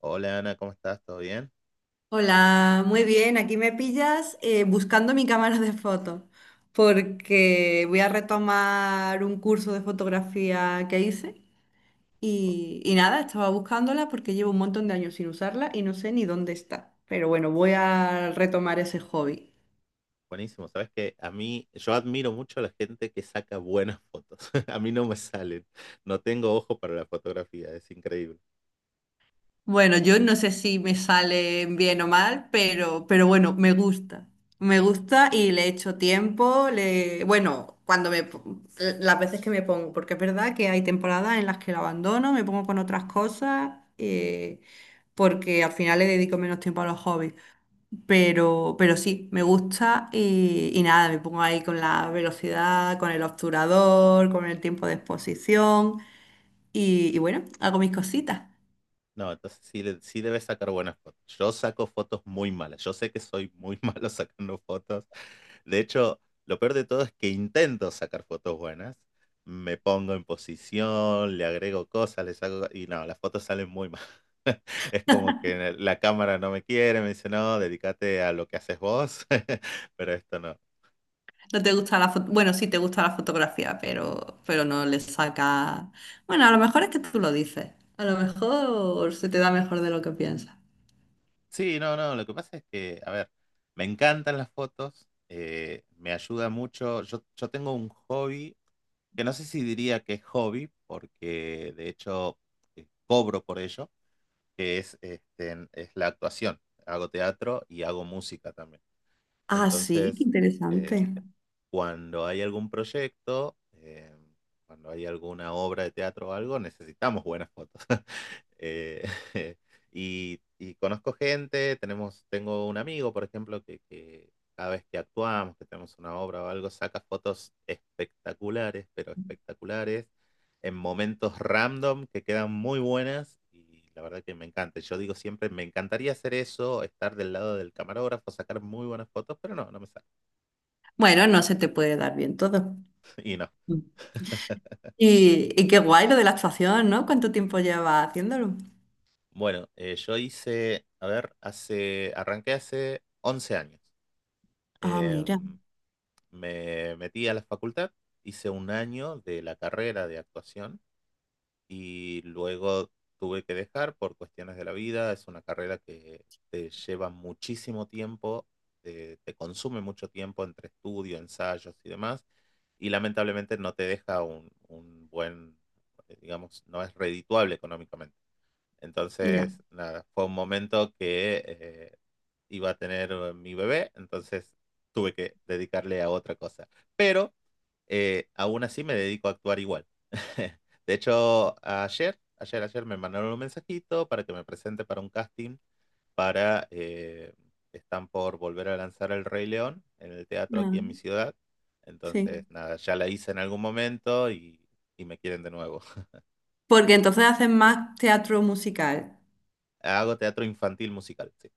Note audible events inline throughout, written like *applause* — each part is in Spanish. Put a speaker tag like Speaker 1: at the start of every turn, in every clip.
Speaker 1: Hola Ana, ¿cómo estás? ¿Todo bien?
Speaker 2: Hola, muy bien. Aquí me pillas buscando mi cámara de fotos porque voy a retomar un curso de fotografía que hice
Speaker 1: Bu-
Speaker 2: y nada, estaba buscándola porque llevo un montón de años sin usarla y no sé ni dónde está. Pero bueno, voy a retomar ese hobby.
Speaker 1: Buenísimo. Sabes que a mí, yo admiro mucho a la gente que saca buenas fotos. *laughs* A mí no me salen. No tengo ojo para la fotografía, es increíble.
Speaker 2: Bueno, yo no sé si me sale bien o mal, pero bueno, me gusta. Me gusta y le echo tiempo. Bueno, las veces que me pongo, porque es verdad que hay temporadas en las que lo abandono, me pongo con otras cosas, porque al final le dedico menos tiempo a los hobbies. Pero sí, me gusta y nada, me pongo ahí con la velocidad, con el obturador, con el tiempo de exposición y bueno, hago mis cositas.
Speaker 1: No, entonces sí, sí debes sacar buenas fotos. Yo saco fotos muy malas. Yo sé que soy muy *laughs* malo sacando fotos. De hecho, lo peor de todo es que intento sacar fotos buenas. Me pongo en posición, le agrego cosas, le saco. Y no, las fotos salen muy mal. *laughs* Es como que la cámara no me quiere, me dice, no, dedícate a lo que haces vos, *laughs* pero esto no.
Speaker 2: No te gusta la foto, bueno, sí te gusta la fotografía, pero no le saca. Bueno, a lo mejor es que tú lo dices. A lo mejor se te da mejor de lo que piensas.
Speaker 1: Sí, no, no, lo que pasa es que, a ver, me encantan las fotos, me ayuda mucho. Yo tengo un hobby, que no sé si diría que es hobby, porque de hecho cobro por ello, que es la actuación. Hago teatro y hago música también.
Speaker 2: Ah, sí, qué
Speaker 1: Entonces, eh,
Speaker 2: interesante.
Speaker 1: cuando hay algún proyecto, cuando hay alguna obra de teatro o algo, necesitamos buenas fotos. *laughs* Eh, *laughs* y conozco gente, tengo un amigo, por ejemplo, que cada vez que actuamos, que tenemos una obra o algo, saca fotos espectaculares, pero espectaculares, en momentos random que quedan muy buenas. Y la verdad que me encanta. Yo digo siempre, me encantaría hacer eso, estar del lado del camarógrafo, sacar muy buenas fotos, pero no, no me sale.
Speaker 2: Bueno, no se te puede dar bien todo.
Speaker 1: *laughs* Y no,
Speaker 2: Mm. Y qué guay lo de la actuación, ¿no? ¿Cuánto tiempo llevas haciéndolo?
Speaker 1: bueno, yo a ver, arranqué hace 11 años.
Speaker 2: Ah,
Speaker 1: Eh,
Speaker 2: mira.
Speaker 1: me metí a la facultad, hice un año de la carrera de actuación y luego tuve que dejar por cuestiones de la vida. Es una carrera que te lleva muchísimo tiempo, te consume mucho tiempo entre estudio, ensayos y demás. Y lamentablemente no te deja un buen, digamos, no es redituable económicamente.
Speaker 2: Ya.
Speaker 1: Entonces, nada, fue un momento que iba a tener mi bebé, entonces tuve que dedicarle a otra cosa. Pero aún así me dedico a actuar igual. *laughs* De hecho, ayer me mandaron un mensajito para que me presente para un casting para... eh, están por volver a lanzar El Rey León en el teatro aquí en mi
Speaker 2: Ah,
Speaker 1: ciudad. Entonces,
Speaker 2: sí.
Speaker 1: nada, ya la hice en algún momento y, me quieren de nuevo. *laughs*
Speaker 2: Porque entonces haces más teatro musical.
Speaker 1: Hago teatro infantil musical, sí.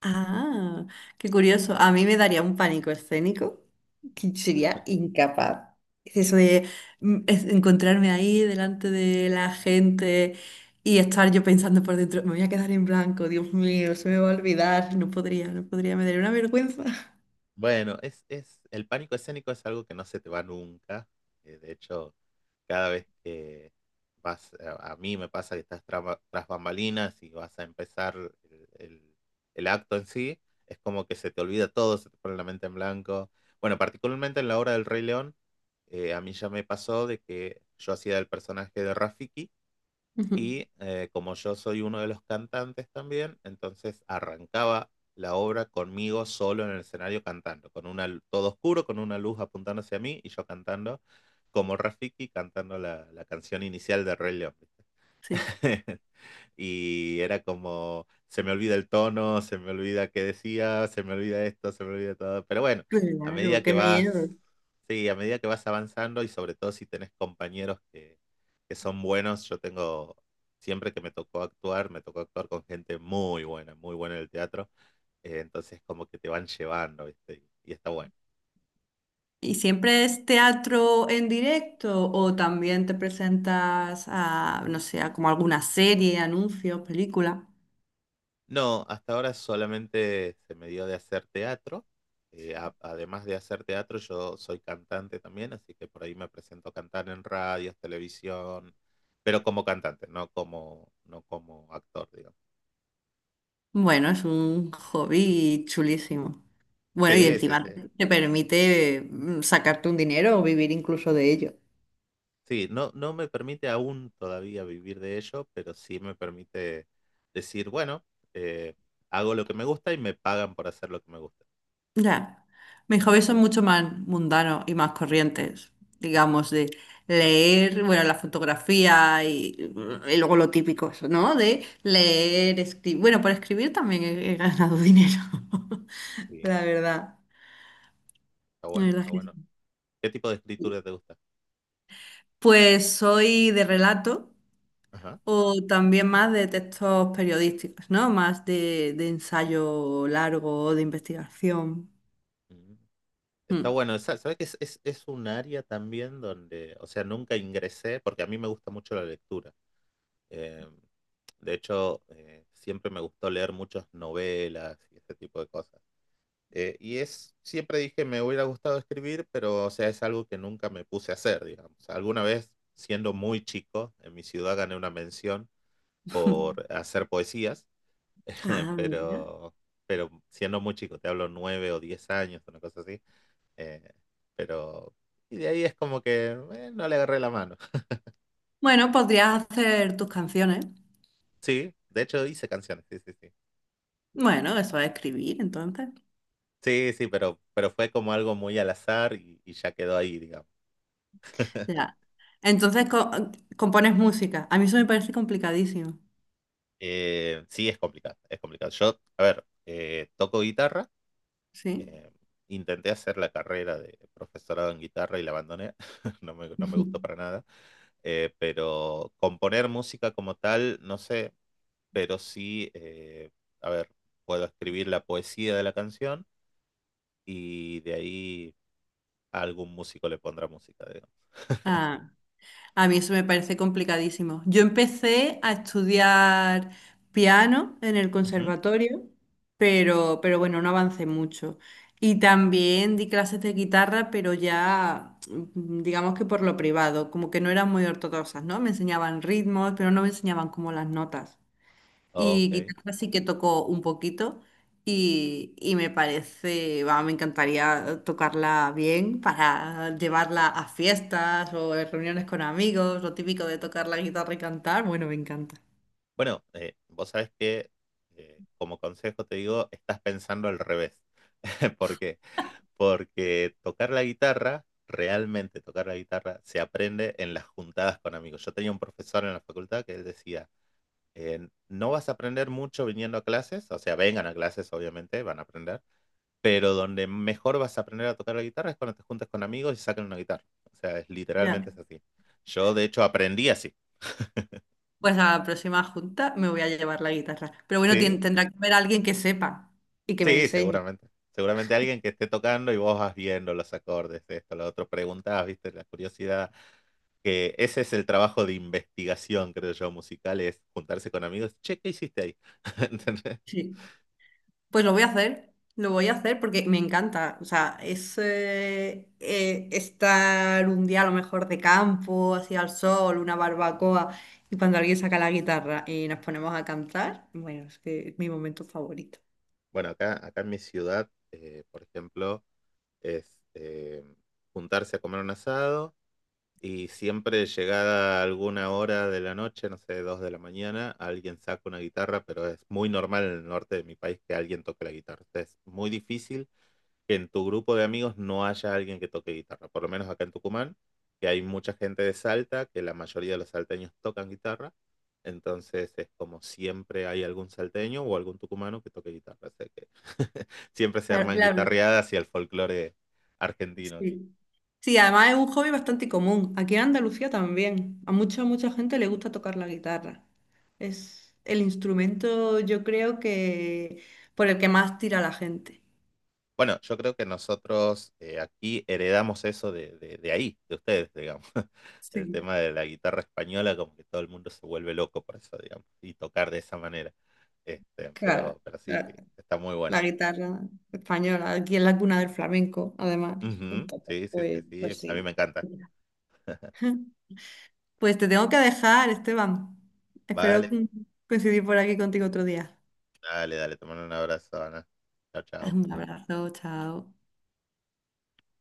Speaker 2: Ah, qué curioso. A mí me daría un pánico escénico que sería incapaz. Es eso de encontrarme ahí delante de la gente y estar yo pensando por dentro, me voy a quedar en blanco, Dios mío, se me va a olvidar, no podría, no podría, me daría una vergüenza. *laughs*
Speaker 1: Bueno, el pánico escénico es algo que no se te va nunca. De hecho, cada vez que a mí me pasa que estás tras bambalinas y vas a empezar el, el- el acto en sí, es como que se te olvida todo, se te pone la mente en blanco. Bueno, particularmente en la obra del Rey León, a mí ya me pasó de que yo hacía el personaje de Rafiki
Speaker 2: Ujú,
Speaker 1: y como yo soy uno de los cantantes también, entonces arrancaba la obra conmigo solo en el escenario cantando, todo oscuro, con una luz apuntando hacia mí y yo cantando como Rafiki, cantando la canción inicial de Rey León. ¿Viste?
Speaker 2: sí.
Speaker 1: *laughs* Y era como, se me olvida el tono, se me olvida qué decía, se me olvida esto, se me olvida todo. Pero bueno, a medida
Speaker 2: Claro,
Speaker 1: que
Speaker 2: qué miedo.
Speaker 1: vas, sí, a medida que vas avanzando y sobre todo si tenés compañeros que son buenos, yo tengo, siempre que me tocó actuar con gente muy buena en el teatro. Entonces como que te van llevando, ¿viste? Y está bueno.
Speaker 2: ¿Y siempre es teatro en directo o también te presentas a, no sé, a como alguna serie, anuncios, película?
Speaker 1: No, hasta ahora solamente se me dio de hacer teatro. Además de hacer teatro, yo soy cantante también, así que por ahí me presento a cantar en radios, televisión, pero como cantante, no como actor, digamos.
Speaker 2: Bueno, es un hobby chulísimo. Bueno, y
Speaker 1: Sí, sí,
Speaker 2: encima
Speaker 1: sí.
Speaker 2: te permite sacarte un dinero o vivir incluso de ello.
Speaker 1: Sí, no, no me permite aún todavía vivir de ello, pero sí me permite decir, bueno, eh, hago lo que me gusta y me pagan por hacer lo que me gusta.
Speaker 2: Ya, mis hobbies son mucho más mundanos y más corrientes,
Speaker 1: Ujú.
Speaker 2: digamos, de leer, bueno, la fotografía y y luego lo típico, eso, ¿no? De leer, escribir. Bueno, por escribir también he ganado dinero, *laughs*
Speaker 1: Sí,
Speaker 2: la verdad.
Speaker 1: está
Speaker 2: La
Speaker 1: bueno,
Speaker 2: verdad
Speaker 1: está
Speaker 2: es que
Speaker 1: bueno. ¿Qué tipo de
Speaker 2: sí.
Speaker 1: escritura te gusta?
Speaker 2: Pues soy de relato.
Speaker 1: Ajá.
Speaker 2: O también más de textos periodísticos, ¿no? Más de ensayo largo, de investigación.
Speaker 1: Mm. Está
Speaker 2: Mm.
Speaker 1: bueno, ¿sabes que es un área también donde, o sea, nunca ingresé porque a mí me gusta mucho la lectura. Eh, de hecho, siempre me gustó leer muchas novelas y ese tipo de cosas. Siempre dije, me hubiera gustado escribir, pero, o sea, es algo que nunca me puse a hacer, digamos. Alguna vez, siendo muy chico, en mi ciudad gané una mención por
Speaker 2: *laughs*
Speaker 1: hacer poesías. *laughs*
Speaker 2: Ah, mira.
Speaker 1: pero, pero siendo muy chico, te hablo 9 o 10 años, una cosa así. Eh, pero. Y de ahí es como que no le agarré la mano. *laughs*
Speaker 2: Bueno, podrías hacer tus canciones.
Speaker 1: Sí, de hecho hice canciones, sí, sí, sí.
Speaker 2: Bueno, eso es escribir, entonces.
Speaker 1: Sí, sí, pero fue como algo muy al azar y, ya quedó ahí, digamos. *laughs*
Speaker 2: Ya. Entonces co- compones música. A mí eso me parece complicadísimo,
Speaker 1: Sí, es complicado, es complicado. Yo, a ver, toco guitarra.
Speaker 2: ¿sí?
Speaker 1: eh, Intenté hacer la carrera de profesorado en guitarra y la abandoné. *laughs* No me gustó para
Speaker 2: *laughs*
Speaker 1: nada. Pero componer música como tal, no sé, pero sí, a ver, puedo escribir la poesía de la canción y de ahí a algún músico le pondrá música, digamos.
Speaker 2: Ah. A mí eso me parece complicadísimo. Yo empecé a estudiar piano en el
Speaker 1: Ujú.
Speaker 2: conservatorio, pero bueno, no avancé mucho. Y también di clases de guitarra, pero ya, digamos que por lo privado, como que no eran muy ortodoxas, ¿no? Me enseñaban ritmos, pero no me enseñaban como las notas. Y
Speaker 1: Ok.
Speaker 2: guitarra sí que tocó un poquito y me parece, va, me encantaría tocarla bien para llevarla a fiestas o en reuniones con amigos, lo típico de tocar la guitarra y cantar, bueno, me encanta.
Speaker 1: Bueno, vos sabés que como consejo te digo, estás pensando al revés. *laughs* ¿Por qué? Porque tocar la guitarra, realmente tocar la guitarra, se aprende en las juntadas con amigos. Yo tenía un profesor en la facultad que él decía, no vas a aprender mucho viniendo a clases, o sea, vengan a clases, obviamente, van a aprender, pero donde mejor vas a aprender a tocar la guitarra es cuando te juntas con amigos y sacan una guitarra. O sea, literalmente
Speaker 2: Ya.
Speaker 1: es así. Yo, de hecho, aprendí así.
Speaker 2: Pues a la próxima junta me voy a llevar la guitarra. Pero bueno,
Speaker 1: Sí,
Speaker 2: tendrá que haber alguien que sepa y que me
Speaker 1: sí,
Speaker 2: enseñe.
Speaker 1: seguramente. Seguramente alguien que esté tocando y vos vas viendo los acordes, esto, lo otro, preguntás, viste, la curiosidad. Que ese es el trabajo de investigación, creo yo, musical, es juntarse con amigos. Che, ¿qué hiciste ahí? *laughs* ¿Entendés?
Speaker 2: Sí. Pues lo voy a hacer, lo voy a hacer porque me encanta. O sea, es estar un día a lo mejor de campo, así al sol, una barbacoa, y cuando alguien saca la guitarra y nos ponemos a cantar, bueno, es que es mi momento favorito.
Speaker 1: Bueno, acá en mi ciudad, por ejemplo, es juntarse a comer un asado. Y siempre llegada alguna hora de la noche, no sé, 2 de la mañana, alguien saca una guitarra, pero es muy normal en el norte de mi país que alguien toque la guitarra. O sea, es muy difícil que en tu grupo de amigos no haya alguien que toque guitarra, por lo menos acá en Tucumán, que hay mucha gente de Salta, que la mayoría de los salteños tocan guitarra, entonces es como siempre hay algún salteño o algún tucumano que toque guitarra, o sea que *laughs* siempre se
Speaker 2: La-
Speaker 1: arman
Speaker 2: la verdad,
Speaker 1: guitarreadas y el folclore argentino aquí.
Speaker 2: sí. Sí, además es un hobby bastante común. Aquí en Andalucía también. A mucha gente le gusta tocar la guitarra. Es el instrumento, yo creo que por el que más tira la gente.
Speaker 1: Bueno, yo creo que nosotros aquí heredamos eso de ahí, de ustedes, digamos. *laughs* El
Speaker 2: Sí,
Speaker 1: tema de la guitarra española, como que todo el mundo se vuelve loco por eso, digamos, y tocar de esa manera.
Speaker 2: claro.
Speaker 1: Pero sí, sí, está muy bueno.
Speaker 2: La guitarra española, aquí en la cuna del flamenco, además.
Speaker 1: Ujú.
Speaker 2: Entonces,
Speaker 1: Sí, sí, sí,
Speaker 2: pues,
Speaker 1: sí,
Speaker 2: pues
Speaker 1: a mí
Speaker 2: sí.
Speaker 1: me encanta.
Speaker 2: *laughs* Pues te tengo que dejar, Esteban. Espero
Speaker 1: Vale,
Speaker 2: coincidir por aquí contigo otro día.
Speaker 1: dale, dale, te mando un abrazo, Ana. Chao,
Speaker 2: Un
Speaker 1: chao.
Speaker 2: abrazo, chao.